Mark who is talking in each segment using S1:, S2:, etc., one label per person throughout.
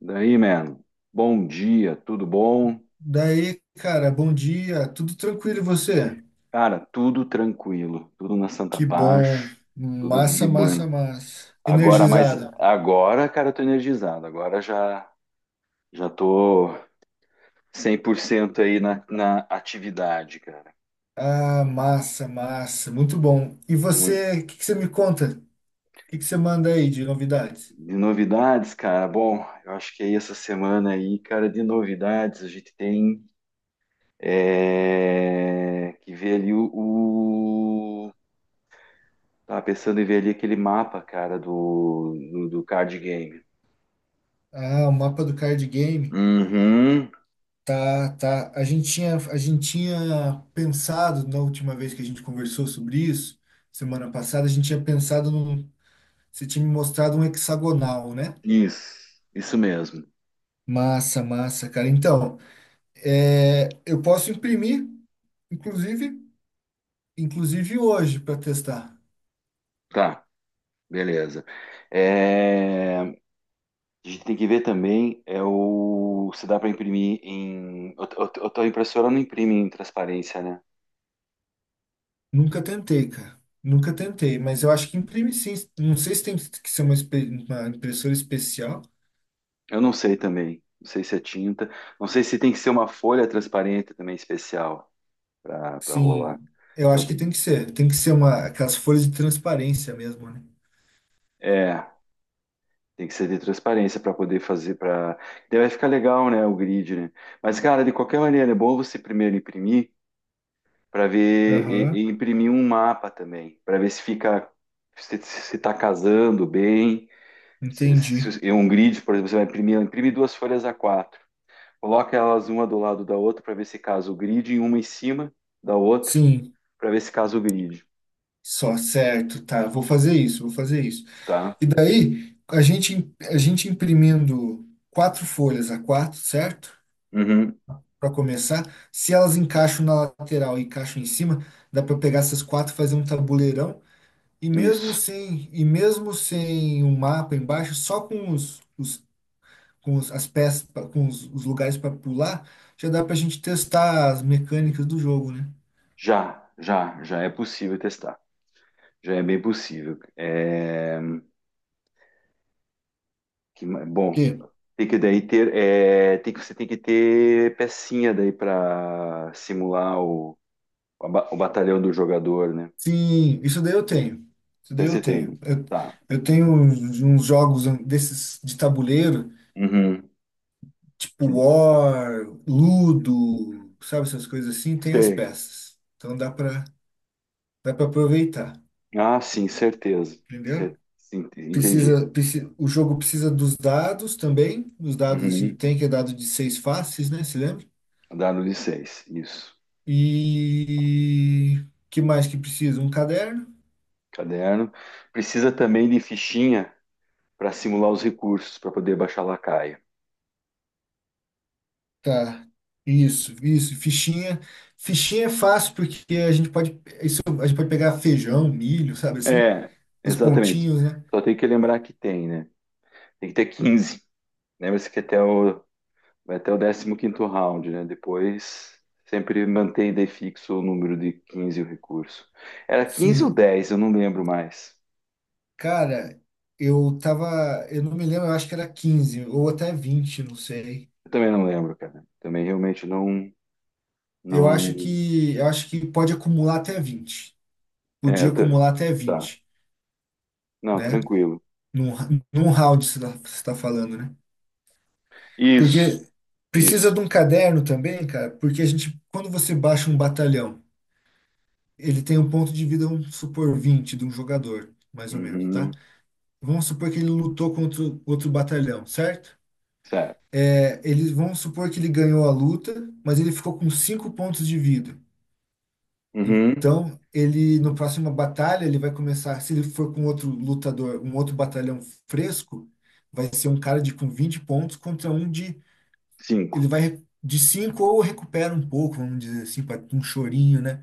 S1: Daí, mano. Bom dia, tudo bom?
S2: Daí, cara, bom dia. Tudo tranquilo e você?
S1: Cara, tudo tranquilo, tudo na Santa
S2: Que bom.
S1: Paz, tudo de
S2: Massa, massa,
S1: bueno.
S2: massa.
S1: Agora, mas
S2: Energizado.
S1: agora, cara, eu tô energizado. Agora já tô 100% aí na atividade, cara.
S2: Ah, massa, massa. Muito bom. E
S1: Mui-
S2: você, o que que você me conta? O que que você manda aí de novidades?
S1: De novidades, cara, bom, eu acho que aí essa semana aí, cara, de novidades, a gente tem que ver ali o, tava pensando em ver ali aquele mapa, cara, do card game.
S2: Ah, o mapa do card game.
S1: Uhum.
S2: Tá, tá. A gente tinha pensado na última vez que a gente conversou sobre isso, semana passada, a gente tinha pensado num. Você tinha me mostrado um hexagonal, né?
S1: Isso mesmo.
S2: Massa, massa, cara. Então. É, eu posso imprimir, inclusive, inclusive hoje para testar.
S1: Tá, beleza. É, a gente tem que ver também é o se dá para imprimir em. Tua impressora não imprime em transparência, né?
S2: Nunca tentei, cara. Nunca tentei, mas eu acho que imprime sim. Não sei se tem que ser uma impressora especial.
S1: Eu não sei também. Não sei se é tinta. Não sei se tem que ser uma folha transparente também especial para rolar.
S2: Sim, eu
S1: Então
S2: acho que
S1: tem.
S2: tem que ser. Tem que ser aquelas folhas de transparência mesmo, né?
S1: É. Tem que ser de transparência para poder fazer para. Daí vai ficar legal, né? O grid, né? Mas, cara, de qualquer maneira, é bom você primeiro imprimir para ver e,
S2: Aham,
S1: e imprimir um mapa também, para ver se fica se está casando bem. Se,
S2: entendi.
S1: se, em um grid, por exemplo, você vai imprimir, imprime duas folhas A4, coloca elas uma do lado da outra para ver se casa o grid e uma em cima da outra
S2: Sim,
S1: para ver se casa o grid,
S2: só certo, tá. Vou fazer isso, vou fazer isso.
S1: tá?
S2: E daí, a gente imprimindo quatro folhas A4, certo?
S1: Uhum,
S2: Para começar. Se elas encaixam na lateral e encaixam em cima, dá para pegar essas quatro, fazer um tabuleirão. E mesmo
S1: isso.
S2: sem, e mesmo sem um mapa embaixo, só com as peças, com os lugares para pular, já dá para a gente testar as mecânicas do jogo, né?
S1: Já, já, já é possível testar. Já é bem possível. É... Bom,
S2: Porque,
S1: tem que daí ter, tem que, você tem que ter pecinha daí para simular o, o batalhão do jogador, né? Não
S2: sim, isso daí eu tenho. Isso
S1: sei
S2: daí eu
S1: se tem.
S2: tenho. Eu,
S1: Tá.
S2: eu tenho uns jogos desses de tabuleiro,
S1: Uhum.
S2: tipo
S1: Que-
S2: War, Ludo, sabe essas coisas assim, tem as
S1: Sei.
S2: peças. Então dá para aproveitar.
S1: Ah, sim, certeza.
S2: Entendeu?
S1: Sim, entendi.
S2: O jogo precisa dos dados também. Os dados a gente
S1: Uhum.
S2: tem que é dado de seis faces, né? Se lembra?
S1: Dado de seis, isso.
S2: E que mais que precisa? Um caderno?
S1: Caderno. Precisa também de fichinha para simular os recursos para poder baixar lacaia.
S2: Tá. Isso, fichinha. Fichinha é fácil porque a gente pode pegar feijão, milho, sabe assim?
S1: É,
S2: Os
S1: exatamente.
S2: pontinhos, né?
S1: Só tem que lembrar que tem, né? Tem que ter quinze. Lembra-se que até o... Vai até o décimo quinto round, né? Depois sempre mantém daí fixo o número de 15 o recurso. Era 15 ou
S2: Sim.
S1: 10? Eu não lembro mais.
S2: Cara, eu não me lembro, eu acho que era 15 ou até 20, não sei.
S1: Eu também não lembro, cara. Também realmente não
S2: Eu acho
S1: não
S2: que eu acho que pode acumular até 20.
S1: é,
S2: Podia acumular até
S1: tá.
S2: 20,
S1: Não,
S2: né?
S1: tranquilo.
S2: Num, num round você está falando, né? Porque
S1: Isso,
S2: precisa
S1: isso.
S2: de um caderno também, cara, porque quando você baixa um batalhão, ele tem um ponto de vida, vamos supor, 20 de um jogador, mais ou menos, tá?
S1: Uhum,
S2: Vamos supor que ele lutou contra outro batalhão, certo?
S1: certo.
S2: Vamos supor que ele ganhou a luta, mas ele ficou com 5 pontos de vida.
S1: Uhum,
S2: Então, ele no próximo batalha, ele vai começar, se ele for com outro lutador, um outro batalhão fresco, vai ser um cara de com 20 pontos contra um de ele
S1: cinco.
S2: vai de 5 ou recupera um pouco, vamos dizer assim, para um chorinho, né,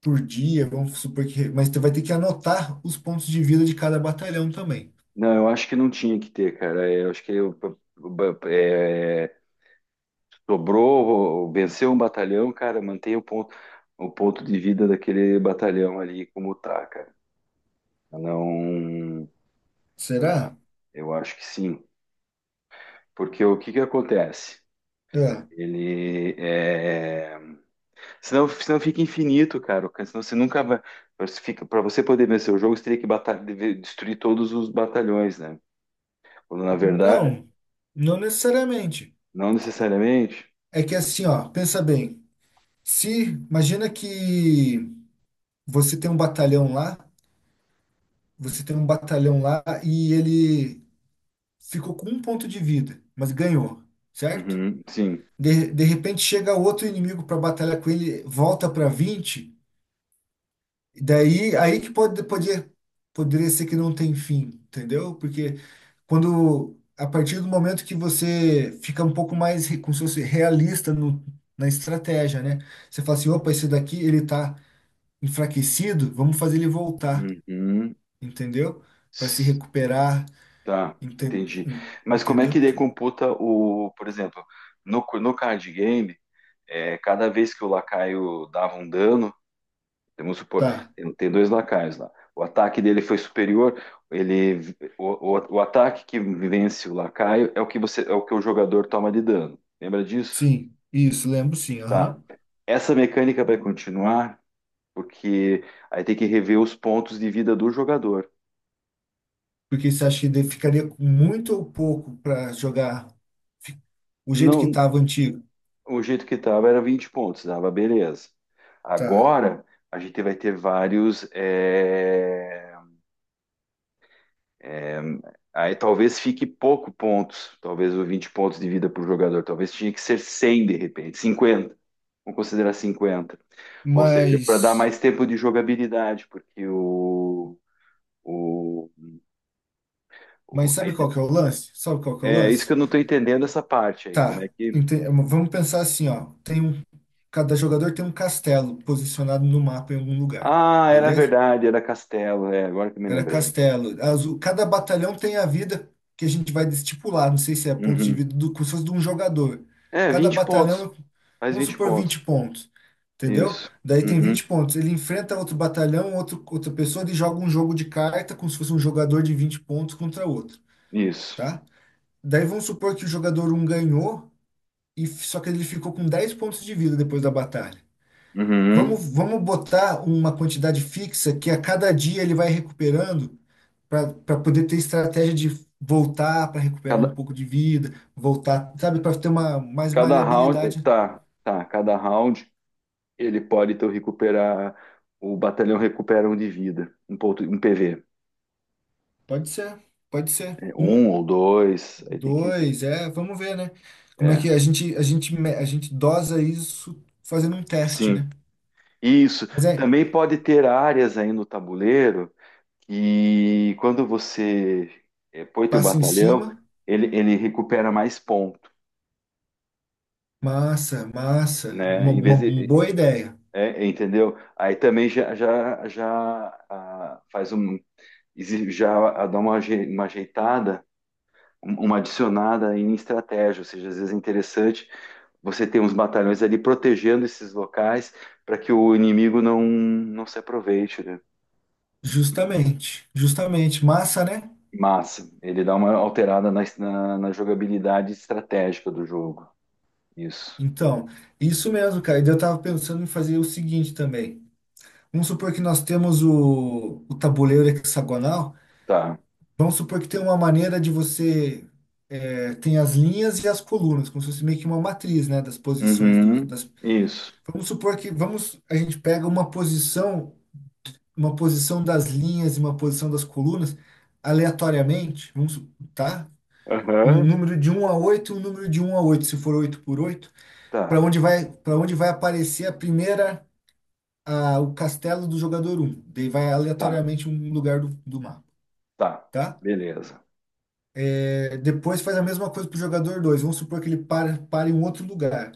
S2: por dia, vamos supor que, mas tu vai ter que anotar os pontos de vida de cada batalhão também.
S1: Não, eu acho que não tinha que ter, cara. É, eu acho que eu... Sobrou, venceu um batalhão, cara, mantém o ponto de vida daquele batalhão ali como tá, cara. Pra Não, pra-
S2: Será?
S1: eu acho que sim. Porque o que que acontece?
S2: É.
S1: Ele é... Senão, senão fica infinito, cara. Senão você nunca vai... Pra você poder vencer o jogo, você teria que destruir todos os batalhões, né? Quando na verdade,
S2: Não, não necessariamente.
S1: não necessariamente.
S2: É que assim, ó, pensa bem. Se imagina que você tem um batalhão lá Você tem um batalhão lá e ele ficou com um ponto de vida, mas ganhou, certo?
S1: Uhum, sim.
S2: De repente chega outro inimigo para batalhar com ele, volta para 20 e daí aí que poderia ser que não tem fim, entendeu? Porque quando a partir do momento que você fica um pouco mais como se fosse realista no, na estratégia, né? Você fala assim, opa, esse daqui ele tá enfraquecido, vamos fazer ele voltar,
S1: Uhum.
S2: entendeu? Para se recuperar.
S1: Tá,
S2: Enten-
S1: entendi.
S2: en-
S1: Mas como é que
S2: Entendeu?
S1: daí computa o, por exemplo, no card game, cada vez que o lacaio dava um dano, vamos supor,
S2: Tá,
S1: tem dois lacaios lá. O ataque dele foi superior, ele, o ataque que vence o lacaio é o que você, é o que o jogador toma de dano. Lembra disso?
S2: sim, isso, lembro sim,
S1: Tá.
S2: aham.
S1: Essa mecânica vai continuar, porque aí tem que rever os pontos de vida do jogador.
S2: Porque você acha que ficaria com muito ou pouco para jogar fi- o jeito que
S1: Não,
S2: estava antigo?
S1: o jeito que estava era 20 pontos, dava beleza.
S2: Tá,
S1: Agora a gente vai ter vários. Aí talvez fique pouco pontos, talvez o 20 pontos de vida por jogador, talvez tinha que ser 100 de repente, cinquenta. Vamos considerar cinquenta. Ou seja, para dar
S2: mas,
S1: mais tempo de jogabilidade. Porque o,
S2: mas
S1: o- a
S2: sabe
S1: ide-
S2: qual que é o lance? Sabe qual que é o
S1: É isso que
S2: lance?
S1: eu não estou entendendo essa parte aí, como é
S2: Tá,
S1: que...
S2: vamos pensar assim, ó, cada jogador tem um castelo posicionado no mapa em algum lugar,
S1: Ah, era
S2: beleza?
S1: verdade, era Castelo, agora que eu me
S2: Era
S1: lembrei.
S2: castelo. Cada batalhão tem a vida que a gente vai estipular. Não sei se é pontos de
S1: Uhum.
S2: vida do, como se fosse de um jogador.
S1: É,
S2: Cada
S1: 20 pontos.
S2: batalhão,
S1: Mais
S2: vamos
S1: 20
S2: supor,
S1: pontos.
S2: 20 pontos. Entendeu?
S1: Isso.
S2: Daí tem
S1: Uhum.
S2: 20 pontos. Ele enfrenta outro batalhão, outro, outra pessoa, ele joga um jogo de carta, como se fosse um jogador de 20 pontos contra outro,
S1: Isso.
S2: tá? Daí vamos supor que o jogador um ganhou, só que ele ficou com 10 pontos de vida depois da batalha.
S1: Uhum.
S2: Vamos botar uma quantidade fixa que a cada dia ele vai recuperando para poder ter estratégia de voltar para recuperar um
S1: Cada,
S2: pouco de vida, voltar, sabe, para ter uma mais
S1: cada round.
S2: maleabilidade.
S1: Tá, tá. Cada round ele pode então recuperar. O batalhão recupera um de vida. Um ponto, um PV.
S2: Pode ser, pode ser.
S1: É, um
S2: Um,
S1: ou dois. Aí tem que ter.
S2: dois, é, vamos ver, né? Como é
S1: É.
S2: que a gente dosa isso fazendo um teste,
S1: Sim.
S2: né?
S1: Isso.
S2: Mas é,
S1: Também pode ter áreas aí no tabuleiro que quando você põe teu
S2: passa em
S1: batalhão,
S2: cima,
S1: ele recupera mais ponto,
S2: massa, massa, uma,
S1: né? Em
S2: uma
S1: vez de...
S2: boa ideia.
S1: É, entendeu? Aí também já, já, já faz um, já dá uma, uma ajeitada, uma adicionada em estratégia, ou seja, às vezes é interessante você ter uns batalhões ali protegendo esses locais para que o inimigo não se aproveite, né?
S2: Justamente, justamente, massa, né?
S1: Massa, ele dá uma alterada na jogabilidade estratégica do jogo. Isso,
S2: Então, isso mesmo, cara. E eu tava pensando em fazer o seguinte também. Vamos supor que nós temos o tabuleiro hexagonal.
S1: tá.
S2: Vamos supor que tem uma maneira de você tem as linhas e as colunas, como se fosse meio que uma matriz, né, das posições dos,
S1: Uhum.
S2: das,
S1: Isso.
S2: vamos supor que vamos a gente pega uma posição das linhas e uma posição das colunas aleatoriamente, tá? Um
S1: Aham.
S2: número de um a 8, um número de um a 8, se for 8 por 8, para
S1: Tá,
S2: onde vai para onde vai aparecer o castelo do jogador um? Daí vai
S1: tá,
S2: aleatoriamente um lugar do mapa.
S1: tá.
S2: Tá?
S1: Beleza.
S2: É, depois faz a mesma coisa para o jogador dois. Vamos supor que ele para, para em um outro lugar.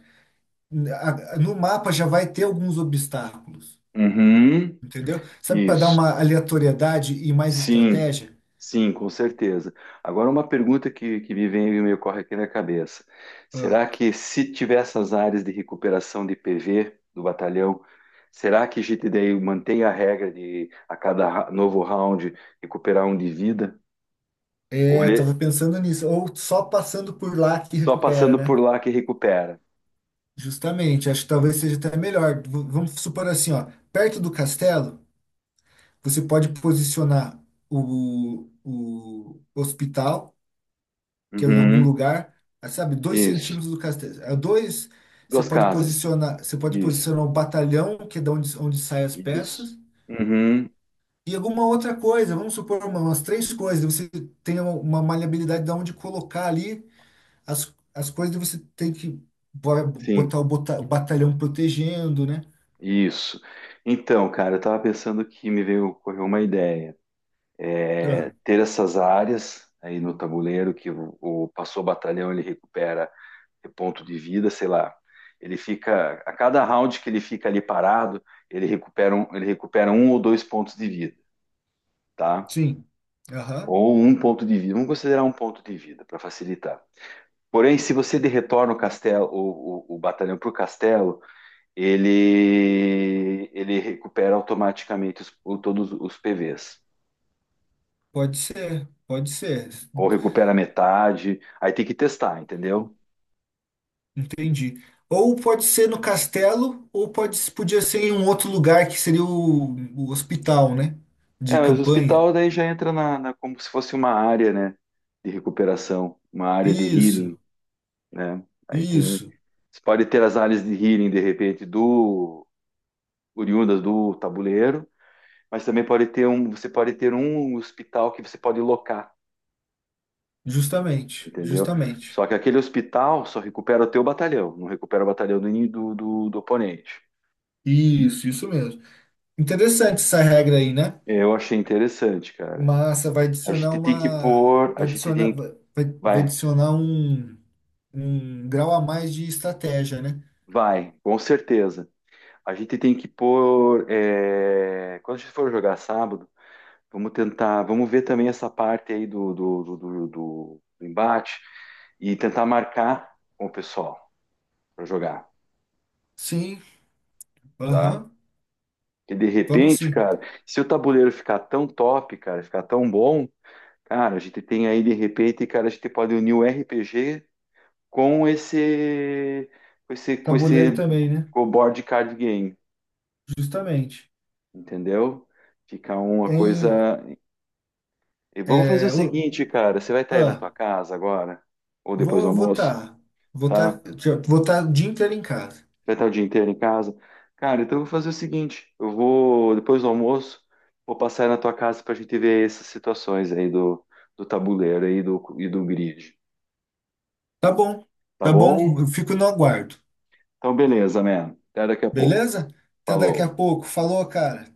S2: No mapa já vai ter alguns obstáculos,
S1: Uhum.
S2: entendeu? Sabe para dar
S1: Isso.
S2: uma aleatoriedade e mais
S1: Sim,
S2: estratégia?
S1: sim, com certeza. Agora, uma pergunta que me vem e me ocorre aqui na cabeça.
S2: Ah.
S1: Será que se tiver essas áreas de recuperação de PV do batalhão, será que a gente daí mantém a regra de a cada novo round recuperar um de vida? Ou
S2: É, eu
S1: ele é
S2: tava pensando nisso. Ou só passando por lá que
S1: só
S2: recupera,
S1: passando por
S2: né?
S1: lá que recupera?
S2: Justamente, acho que talvez seja até melhor. Vamos supor assim, ó, perto do castelo, você pode posicionar o hospital que é em algum
S1: Uhum,
S2: lugar, ah, sabe, 2
S1: isso.
S2: centímetros do castelo. Dois, você
S1: Duas
S2: pode
S1: casas.
S2: posicionar, você pode
S1: Isso,
S2: posicionar o batalhão, que é de onde, onde saem as
S1: isso.
S2: peças,
S1: Uhum,
S2: e alguma outra coisa, vamos supor, umas três coisas, você tem uma maleabilidade de onde colocar ali as coisas, você tem que
S1: sim,
S2: botar o batalhão protegendo, né?
S1: isso. Então, cara, eu tava pensando que me veio, ocorreu uma ideia.
S2: Ah,
S1: Ter essas áreas aí no tabuleiro que o passou o batalhão ele recupera é ponto de vida, sei lá. Ele fica a cada round que ele fica ali parado, ele recupera um ou dois pontos de vida, tá?
S2: sim. Aham.
S1: Ou um ponto de vida. Vamos considerar um ponto de vida para facilitar. Porém, se você de retorna o castelo, o batalhão para o castelo, ele recupera automaticamente todos os PVs.
S2: Pode ser, pode ser.
S1: Ou recupera metade. Aí tem que testar, entendeu?
S2: Entendi. Ou pode ser no castelo, ou pode, podia ser em um outro lugar que seria o hospital, né?
S1: É,
S2: De
S1: mas o
S2: campanha.
S1: hospital daí já entra na, como se fosse uma área, né, de recuperação, uma área de
S2: Isso,
S1: healing, né? Aí tem,
S2: isso.
S1: você pode ter as áreas de healing de repente do oriundas do tabuleiro, mas também pode ter um, você pode ter um hospital que você pode locar,
S2: Justamente,
S1: entendeu?
S2: justamente.
S1: Só que aquele hospital só recupera o teu batalhão, não recupera o batalhão do, ini- do, do, do oponente.
S2: Isso mesmo. Interessante essa regra aí, né?
S1: Eu achei interessante, cara.
S2: Massa, vai
S1: A
S2: adicionar
S1: gente tem que
S2: uma.
S1: pôr, a
S2: Vai
S1: gente
S2: adicionar,
S1: tem que...
S2: vai, vai vai
S1: Vai,
S2: adicionar um grau a mais de estratégia, né?
S1: vai, com certeza. A gente tem que pôr. Quando a gente for jogar sábado, vamos tentar. Vamos ver também essa parte aí do embate e tentar marcar com o pessoal para jogar,
S2: Sim,
S1: tá?
S2: aham.
S1: E de
S2: Vamos
S1: repente,
S2: sim.
S1: cara, se o tabuleiro ficar tão top, cara, ficar tão bom, cara, a gente tem aí de repente, cara, a gente pode unir o RPG com esse, com esse, com
S2: Tabuleiro
S1: esse
S2: também, né?
S1: com o board card game,
S2: Justamente.
S1: entendeu? Fica uma coisa...
S2: Em,
S1: E vamos fazer o
S2: é, o-
S1: seguinte, cara. Você vai estar aí na
S2: ah,
S1: tua casa agora? Ou depois do
S2: Vou
S1: almoço,
S2: votar.
S1: tá?
S2: Votar,
S1: Você
S2: votar o dia inteiro em casa.
S1: vai estar o dia inteiro em casa? Cara, então eu vou fazer o seguinte. Eu vou, depois do almoço, vou passar aí na tua casa pra gente ver essas situações aí do tabuleiro aí do, e do grid.
S2: Tá bom,
S1: Tá
S2: tá bom.
S1: bom?
S2: Eu fico no aguardo.
S1: Então, beleza, man. Até daqui a pouco.
S2: Beleza? Até daqui a
S1: Falou.
S2: pouco. Falou, cara.